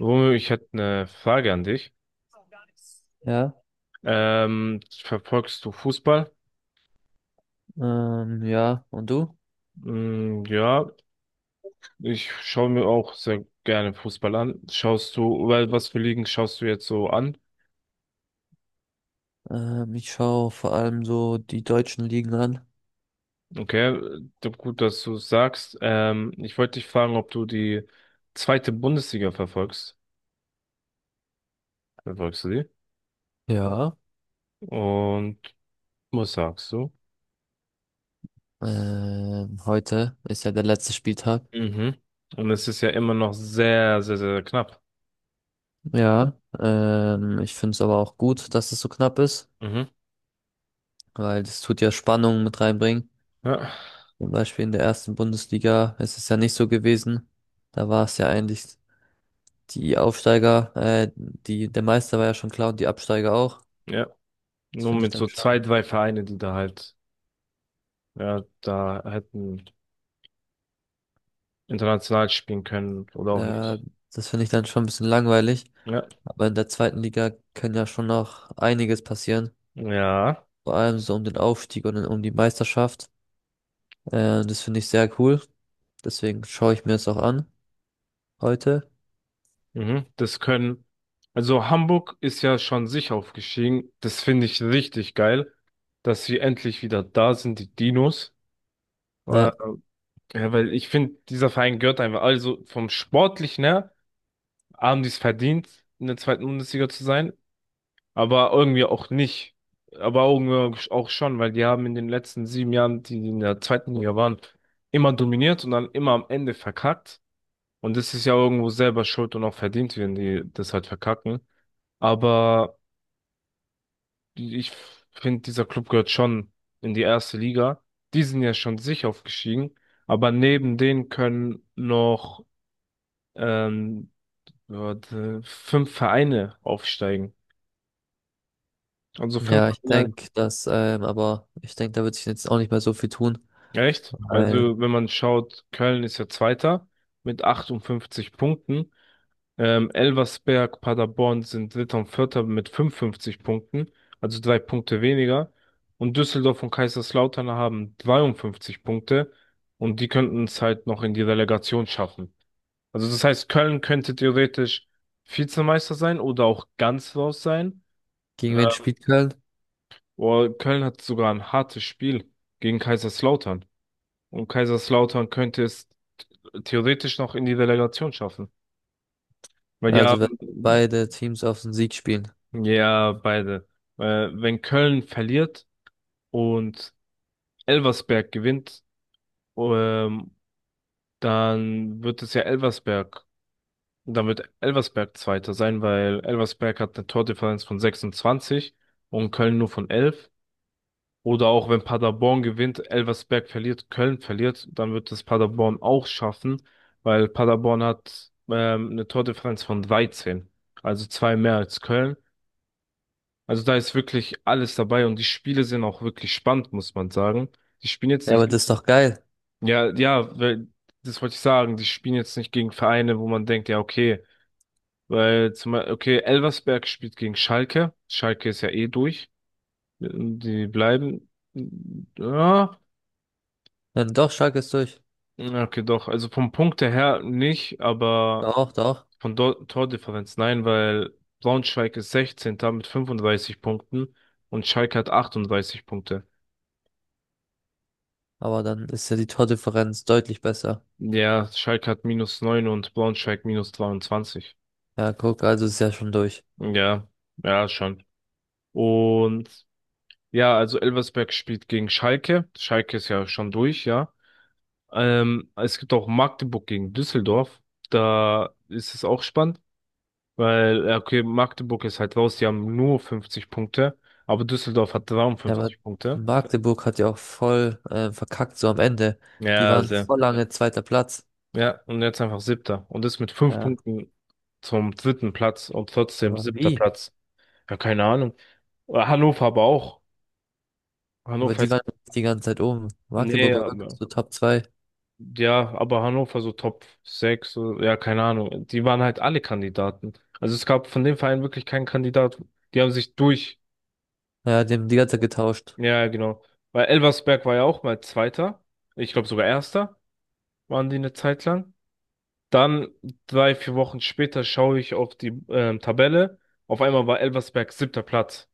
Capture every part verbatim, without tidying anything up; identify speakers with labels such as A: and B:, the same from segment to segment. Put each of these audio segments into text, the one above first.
A: Romeo, ich hätte eine Frage an dich.
B: Ja,
A: Ähm, verfolgst du Fußball?
B: ähm, ja, und du?
A: Mm, ja, ich schaue mir auch sehr gerne Fußball an. Schaust du, weil was für Ligen schaust du jetzt so an?
B: Ähm, ich schaue vor allem so die deutschen Ligen an.
A: Okay, d- gut, dass du sagst. Ähm, ich wollte dich fragen, ob du die zweite Bundesliga verfolgst. Verfolgst du die?
B: Ja.
A: Und was sagst du?
B: Ähm, heute ist ja der letzte Spieltag.
A: Mhm. Und es ist ja immer noch sehr, sehr, sehr knapp.
B: Ja, ähm, ich finde es aber auch gut, dass es so knapp ist,
A: Mhm.
B: weil das tut ja Spannung mit reinbringen.
A: Ja,
B: Zum Beispiel in der ersten Bundesliga ist es ja nicht so gewesen. Da war es ja eigentlich die Aufsteiger, äh, die, der Meister war ja schon klar und die Absteiger auch.
A: ja.
B: Das
A: Nur
B: finde ich
A: mit
B: dann
A: so zwei,
B: schon,
A: drei Vereine, die da halt. Ja, da hätten international spielen können oder auch
B: äh,
A: nicht.
B: das finde ich dann schon ein bisschen langweilig.
A: Ja.
B: Aber in der zweiten Liga kann ja schon noch einiges passieren.
A: Ja.
B: Vor allem so um den Aufstieg und um die Meisterschaft. Äh, das finde ich sehr cool. Deswegen schaue ich mir das auch an heute.
A: Mhm. Das können. Also Hamburg ist ja schon sich aufgestiegen. Das finde ich richtig geil, dass sie endlich wieder da sind, die Dinos. Äh,
B: Ja,
A: ja, weil ich finde, dieser Verein gehört einfach. Also vom Sportlichen her haben die es verdient, in der zweiten Bundesliga zu sein. Aber irgendwie auch nicht. Aber irgendwie auch schon, weil die haben in den letzten sieben Jahren, die in der zweiten Liga waren, immer dominiert und dann immer am Ende verkackt. Und das ist ja irgendwo selber schuld und auch verdient, wenn die das halt verkacken. Aber ich finde, dieser Club gehört schon in die erste Liga. Die sind ja schon sicher aufgestiegen. Aber neben denen können noch ähm, warte, fünf Vereine aufsteigen. Also fünf.
B: ja, ich denke, dass, ähm, aber ich denke, da wird sich jetzt auch nicht mehr so viel tun,
A: Echt?
B: weil
A: Also, wenn man schaut, Köln ist ja Zweiter mit achtundfünfzig Punkten. Ähm, Elversberg, Paderborn sind Dritter und Vierter mit fünfundfünfzig Punkten, also drei Punkte weniger. Und Düsseldorf und Kaiserslautern haben zweiundfünfzig Punkte und die könnten es halt noch in die Relegation schaffen. Also, das heißt, Köln könnte theoretisch Vizemeister sein oder auch ganz raus sein. Äh,
B: gegen wen spielt Köln?
A: Oder Köln hat sogar ein hartes Spiel gegen Kaiserslautern. Und Kaiserslautern könnte es theoretisch noch in die Relegation schaffen. Weil die
B: Also wenn
A: haben.
B: beide Teams auf den Sieg spielen.
A: Ja, beide. Äh, wenn Köln verliert und Elversberg gewinnt, ähm, dann wird es ja Elversberg, dann wird Elversberg Zweiter sein, weil Elversberg hat eine Tordifferenz von sechsundzwanzig und Köln nur von elf. Oder auch wenn Paderborn gewinnt, Elversberg verliert, Köln verliert, dann wird es Paderborn auch schaffen, weil Paderborn hat ähm, eine Tordifferenz von dreizehn, also zwei mehr als Köln. Also da ist wirklich alles dabei und die Spiele sind auch wirklich spannend, muss man sagen. Die spielen jetzt
B: Ja, aber
A: nicht,
B: das ist doch geil.
A: ja, ja, weil, das wollte ich sagen, die spielen jetzt nicht gegen Vereine, wo man denkt, ja, okay, weil zum Beispiel, okay, Elversberg spielt gegen Schalke, Schalke ist ja eh durch, die bleiben, ja.
B: Dann doch, Schalke ist durch.
A: Ja, okay, doch. Also vom Punkt her nicht, aber
B: Doch, doch.
A: von Dor- Tordifferenz nein, weil Braunschweig ist Sechzehnter mit fünfunddreißig Punkten und Schalke hat achtunddreißig Punkte.
B: Aber dann ist ja die Tordifferenz deutlich besser.
A: Ja, Schalke hat minus neun und Braunschweig minus dreiundzwanzig.
B: Ja, guck, also ist ja schon durch.
A: Ja, ja, schon. Und ja, also Elversberg spielt gegen Schalke. Schalke ist ja schon durch, ja. Ähm, es gibt auch Magdeburg gegen Düsseldorf. Da ist es auch spannend. Weil, ja, okay, Magdeburg ist halt raus, die haben nur fünfzig Punkte, aber Düsseldorf hat
B: Ja, aber
A: dreiundfünfzig Punkte.
B: Magdeburg hat ja auch voll äh, verkackt, so am Ende. Die
A: Ja,
B: waren
A: sehr.
B: voll lange zweiter Platz.
A: Ja, und jetzt einfach siebter. Und ist mit fünf
B: Ja.
A: Punkten zum dritten Platz und trotzdem
B: Aber
A: siebter
B: wie?
A: Platz. Ja, keine Ahnung. Äh, Hannover aber auch.
B: Ja, aber
A: Hannover
B: die
A: ist,
B: waren die ganze Zeit oben.
A: nee,
B: Magdeburg war wirklich
A: aber,
B: so Top zwei.
A: ja, aber Hannover so Top sechs. So, ja, keine Ahnung. Die waren halt alle Kandidaten. Also es gab von dem Verein wirklich keinen Kandidat. Die haben sich.
B: Ja, die haben die ganze Zeit getauscht.
A: Ja, ja, genau. Weil Elversberg war ja auch mal Zweiter. Ich glaube sogar Erster waren die eine Zeit lang. Dann drei, vier Wochen später schaue ich auf die ähm, Tabelle. Auf einmal war Elversberg siebter Platz.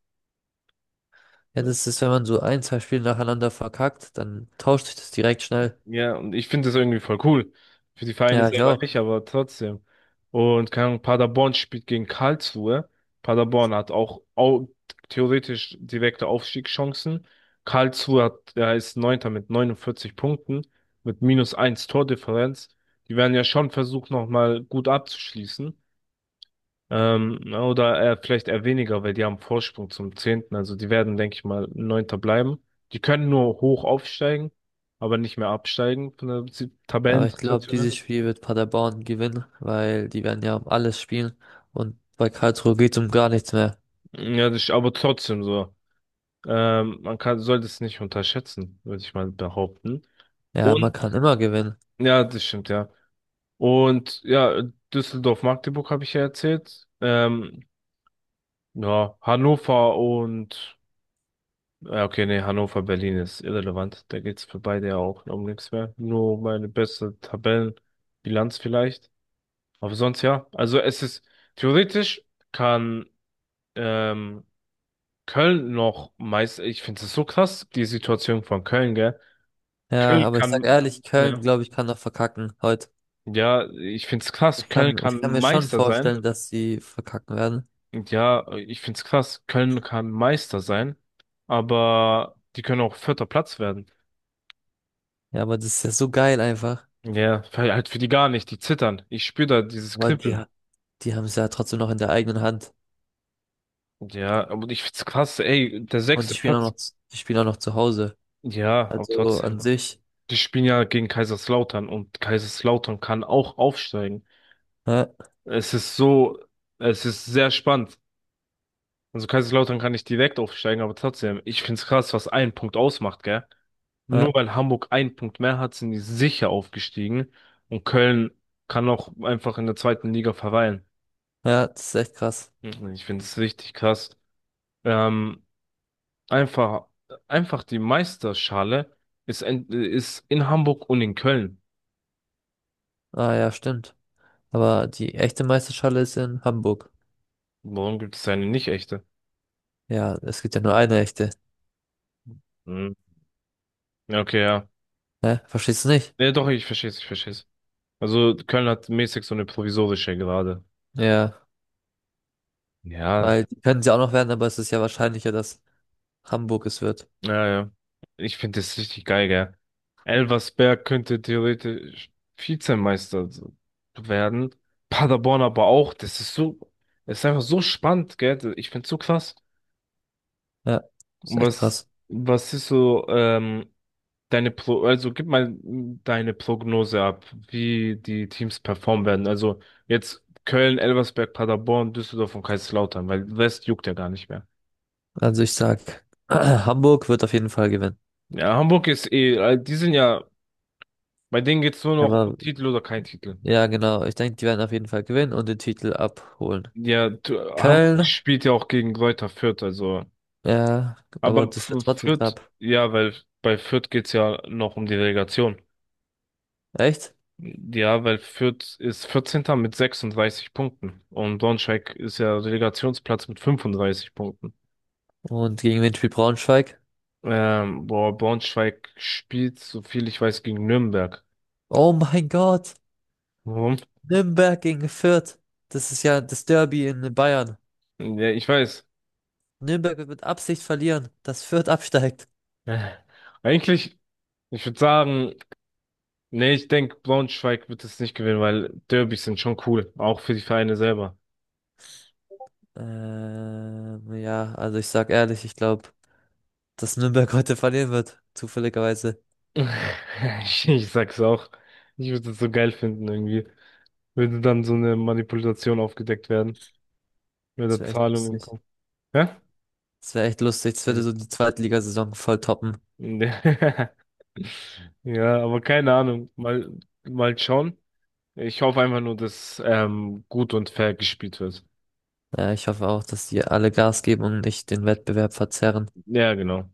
B: Ja, das ist, wenn man so ein, zwei Spiele nacheinander verkackt, dann tauscht sich das direkt schnell.
A: Ja, und ich finde das irgendwie voll cool. Für die Vereine
B: Ja, ich
A: selber
B: auch.
A: nicht, aber trotzdem. Und keine Ahnung, Paderborn spielt gegen Karlsruhe. Paderborn hat auch, au- theoretisch direkte Aufstiegschancen. Karlsruhe hat, der ist Neunter mit neunundvierzig Punkten, mit minus eins Tordifferenz. Die werden ja schon versucht, nochmal gut abzuschließen. Ähm, na, oder äh, vielleicht eher weniger, weil die haben Vorsprung zum Zehnten. Also die werden, denke ich mal, Neunter bleiben. Die können nur hoch aufsteigen, aber nicht mehr absteigen von der Si-
B: Ja, aber ich glaube,
A: Tabellensituation her.
B: dieses Spiel wird Paderborn gewinnen, weil die werden ja um alles spielen. Und bei Karlsruhe geht's um gar nichts mehr.
A: Ja, das ist aber trotzdem so. Ähm, man kann, sollte es nicht unterschätzen, würde ich mal behaupten.
B: Ja, man
A: Und,
B: kann immer gewinnen.
A: ja, das stimmt, ja. Und ja, Düsseldorf-Magdeburg habe ich ja erzählt. Ähm, ja, Hannover und. Ja, okay, nee, Hannover, Berlin ist irrelevant. Da geht's für beide ja auch um nichts mehr. Nur meine beste Tabellenbilanz vielleicht. Aber sonst ja. Also es ist theoretisch kann ähm, Köln noch meist. Ich finde es so krass, die Situation von Köln, gell?
B: Ja,
A: Köln
B: aber ich sag
A: kann,
B: ehrlich, Köln,
A: ja,
B: glaube ich, kann noch verkacken heute.
A: ja, ich finde es krass, Köln
B: Kann, ich
A: kann
B: kann mir schon
A: Meister sein.
B: vorstellen, dass sie verkacken werden.
A: Und ja, ich finde es krass, Köln kann Meister sein, aber die können auch vierter Platz werden.
B: Ja, aber das ist ja so geil einfach.
A: Ja, weil halt für die gar nicht, die zittern. Ich spüre da dieses
B: Aber die,
A: Kribbeln.
B: ha- die haben es ja trotzdem noch in der eigenen Hand.
A: Ja, aber ich find's krass, ey, der
B: Und
A: sechste
B: die spielen auch
A: Platz.
B: noch, z- die spielen auch noch zu Hause.
A: Ja, aber
B: Also an
A: trotzdem.
B: sich.
A: Die spielen ja gegen Kaiserslautern und Kaiserslautern kann auch aufsteigen.
B: Ja,
A: Es ist so, es ist sehr spannend. Also Kaiserslautern kann nicht direkt aufsteigen, aber trotzdem, ich find's krass, was ein Punkt ausmacht, gell? Nur
B: ja,
A: weil Hamburg einen Punkt mehr hat, sind die sicher aufgestiegen und Köln kann auch einfach in der zweiten Liga verweilen.
B: ja, das ist echt krass.
A: Ich find's richtig krass. Ähm, Einfach, einfach die Meisterschale ist, in- ist in Hamburg und in Köln.
B: Ah ja, stimmt. Aber die echte Meisterschale ist in Hamburg.
A: Warum gibt es eine nicht echte?
B: Ja, es gibt ja nur eine echte.
A: Hm. Ja, okay, ja.
B: Ne? Verstehst du nicht?
A: Ja, doch, ich verstehe es, ich verstehe es. Also Köln hat mäßig so eine provisorische gerade.
B: Ja,
A: Ja,
B: weil die können sie auch noch werden, aber es ist ja wahrscheinlicher, dass Hamburg es wird.
A: ja, ja. Ich finde das richtig geil, gell? Elversberg könnte theoretisch Vizemeister so werden. Paderborn aber auch. Das ist so, das ist einfach so spannend, gell? Ich finde es so krass.
B: Ja, ist
A: Und
B: echt
A: was,
B: krass.
A: was ist so, ähm, deine Pro, also gib mal mm, deine Prognose ab, wie die Teams performen werden. Also jetzt Köln, Elversberg, Paderborn, Düsseldorf und Kaiserslautern, weil West juckt ja gar nicht mehr.
B: Also ich sag, Hamburg wird auf jeden Fall gewinnen.
A: Ja, Hamburg ist eh, äh, die sind ja, bei denen geht's nur noch
B: Aber
A: Titel oder kein Titel.
B: ja, genau. Ich denke, die werden auf jeden Fall gewinnen und den Titel abholen.
A: Ja, du, Hamburg
B: Köln,
A: spielt ja auch gegen Greuther Fürth, also,
B: ja, aber
A: aber
B: das wird
A: F-
B: trotzdem
A: Fürth,
B: knapp.
A: ja, weil bei Fürth geht's ja noch um die Relegation.
B: Echt?
A: Ja, weil Fürth ist Vierzehnter mit sechsunddreißig Punkten und Braunschweig ist ja Relegationsplatz mit fünfunddreißig Punkten.
B: Und gegen wen spielt Braunschweig?
A: Ähm, boah, Braunschweig spielt, so viel ich weiß, gegen Nürnberg.
B: Oh mein Gott!
A: Warum?
B: Nürnberg gegen Fürth. Das ist ja das Derby in Bayern.
A: Ja, ich weiß.
B: Nürnberg wird mit Absicht verlieren, dass Fürth absteigt.
A: Äh, Eigentlich, ich würde sagen, nee, ich denke, Braunschweig wird es nicht gewinnen, weil Derbys sind schon cool, auch für die Vereine selber.
B: Ähm, ja, also ich sag ehrlich, ich glaube, dass Nürnberg heute verlieren wird. Zufälligerweise.
A: Ich, ich sag's auch. Ich würde es so geil finden irgendwie. Würde dann so eine Manipulation aufgedeckt werden, mit
B: Das
A: der
B: wäre echt
A: Zahlung im
B: lustig.
A: Kopf. Hä?
B: Das wäre echt lustig. Das würde
A: Also,
B: so die Zweitligasaison voll toppen.
A: Ja, aber keine Ahnung. Mal, mal schauen. Ich hoffe einfach nur, dass ähm, gut und fair gespielt wird.
B: Ja, ich hoffe auch, dass die alle Gas geben und nicht den Wettbewerb verzerren.
A: Ja, genau.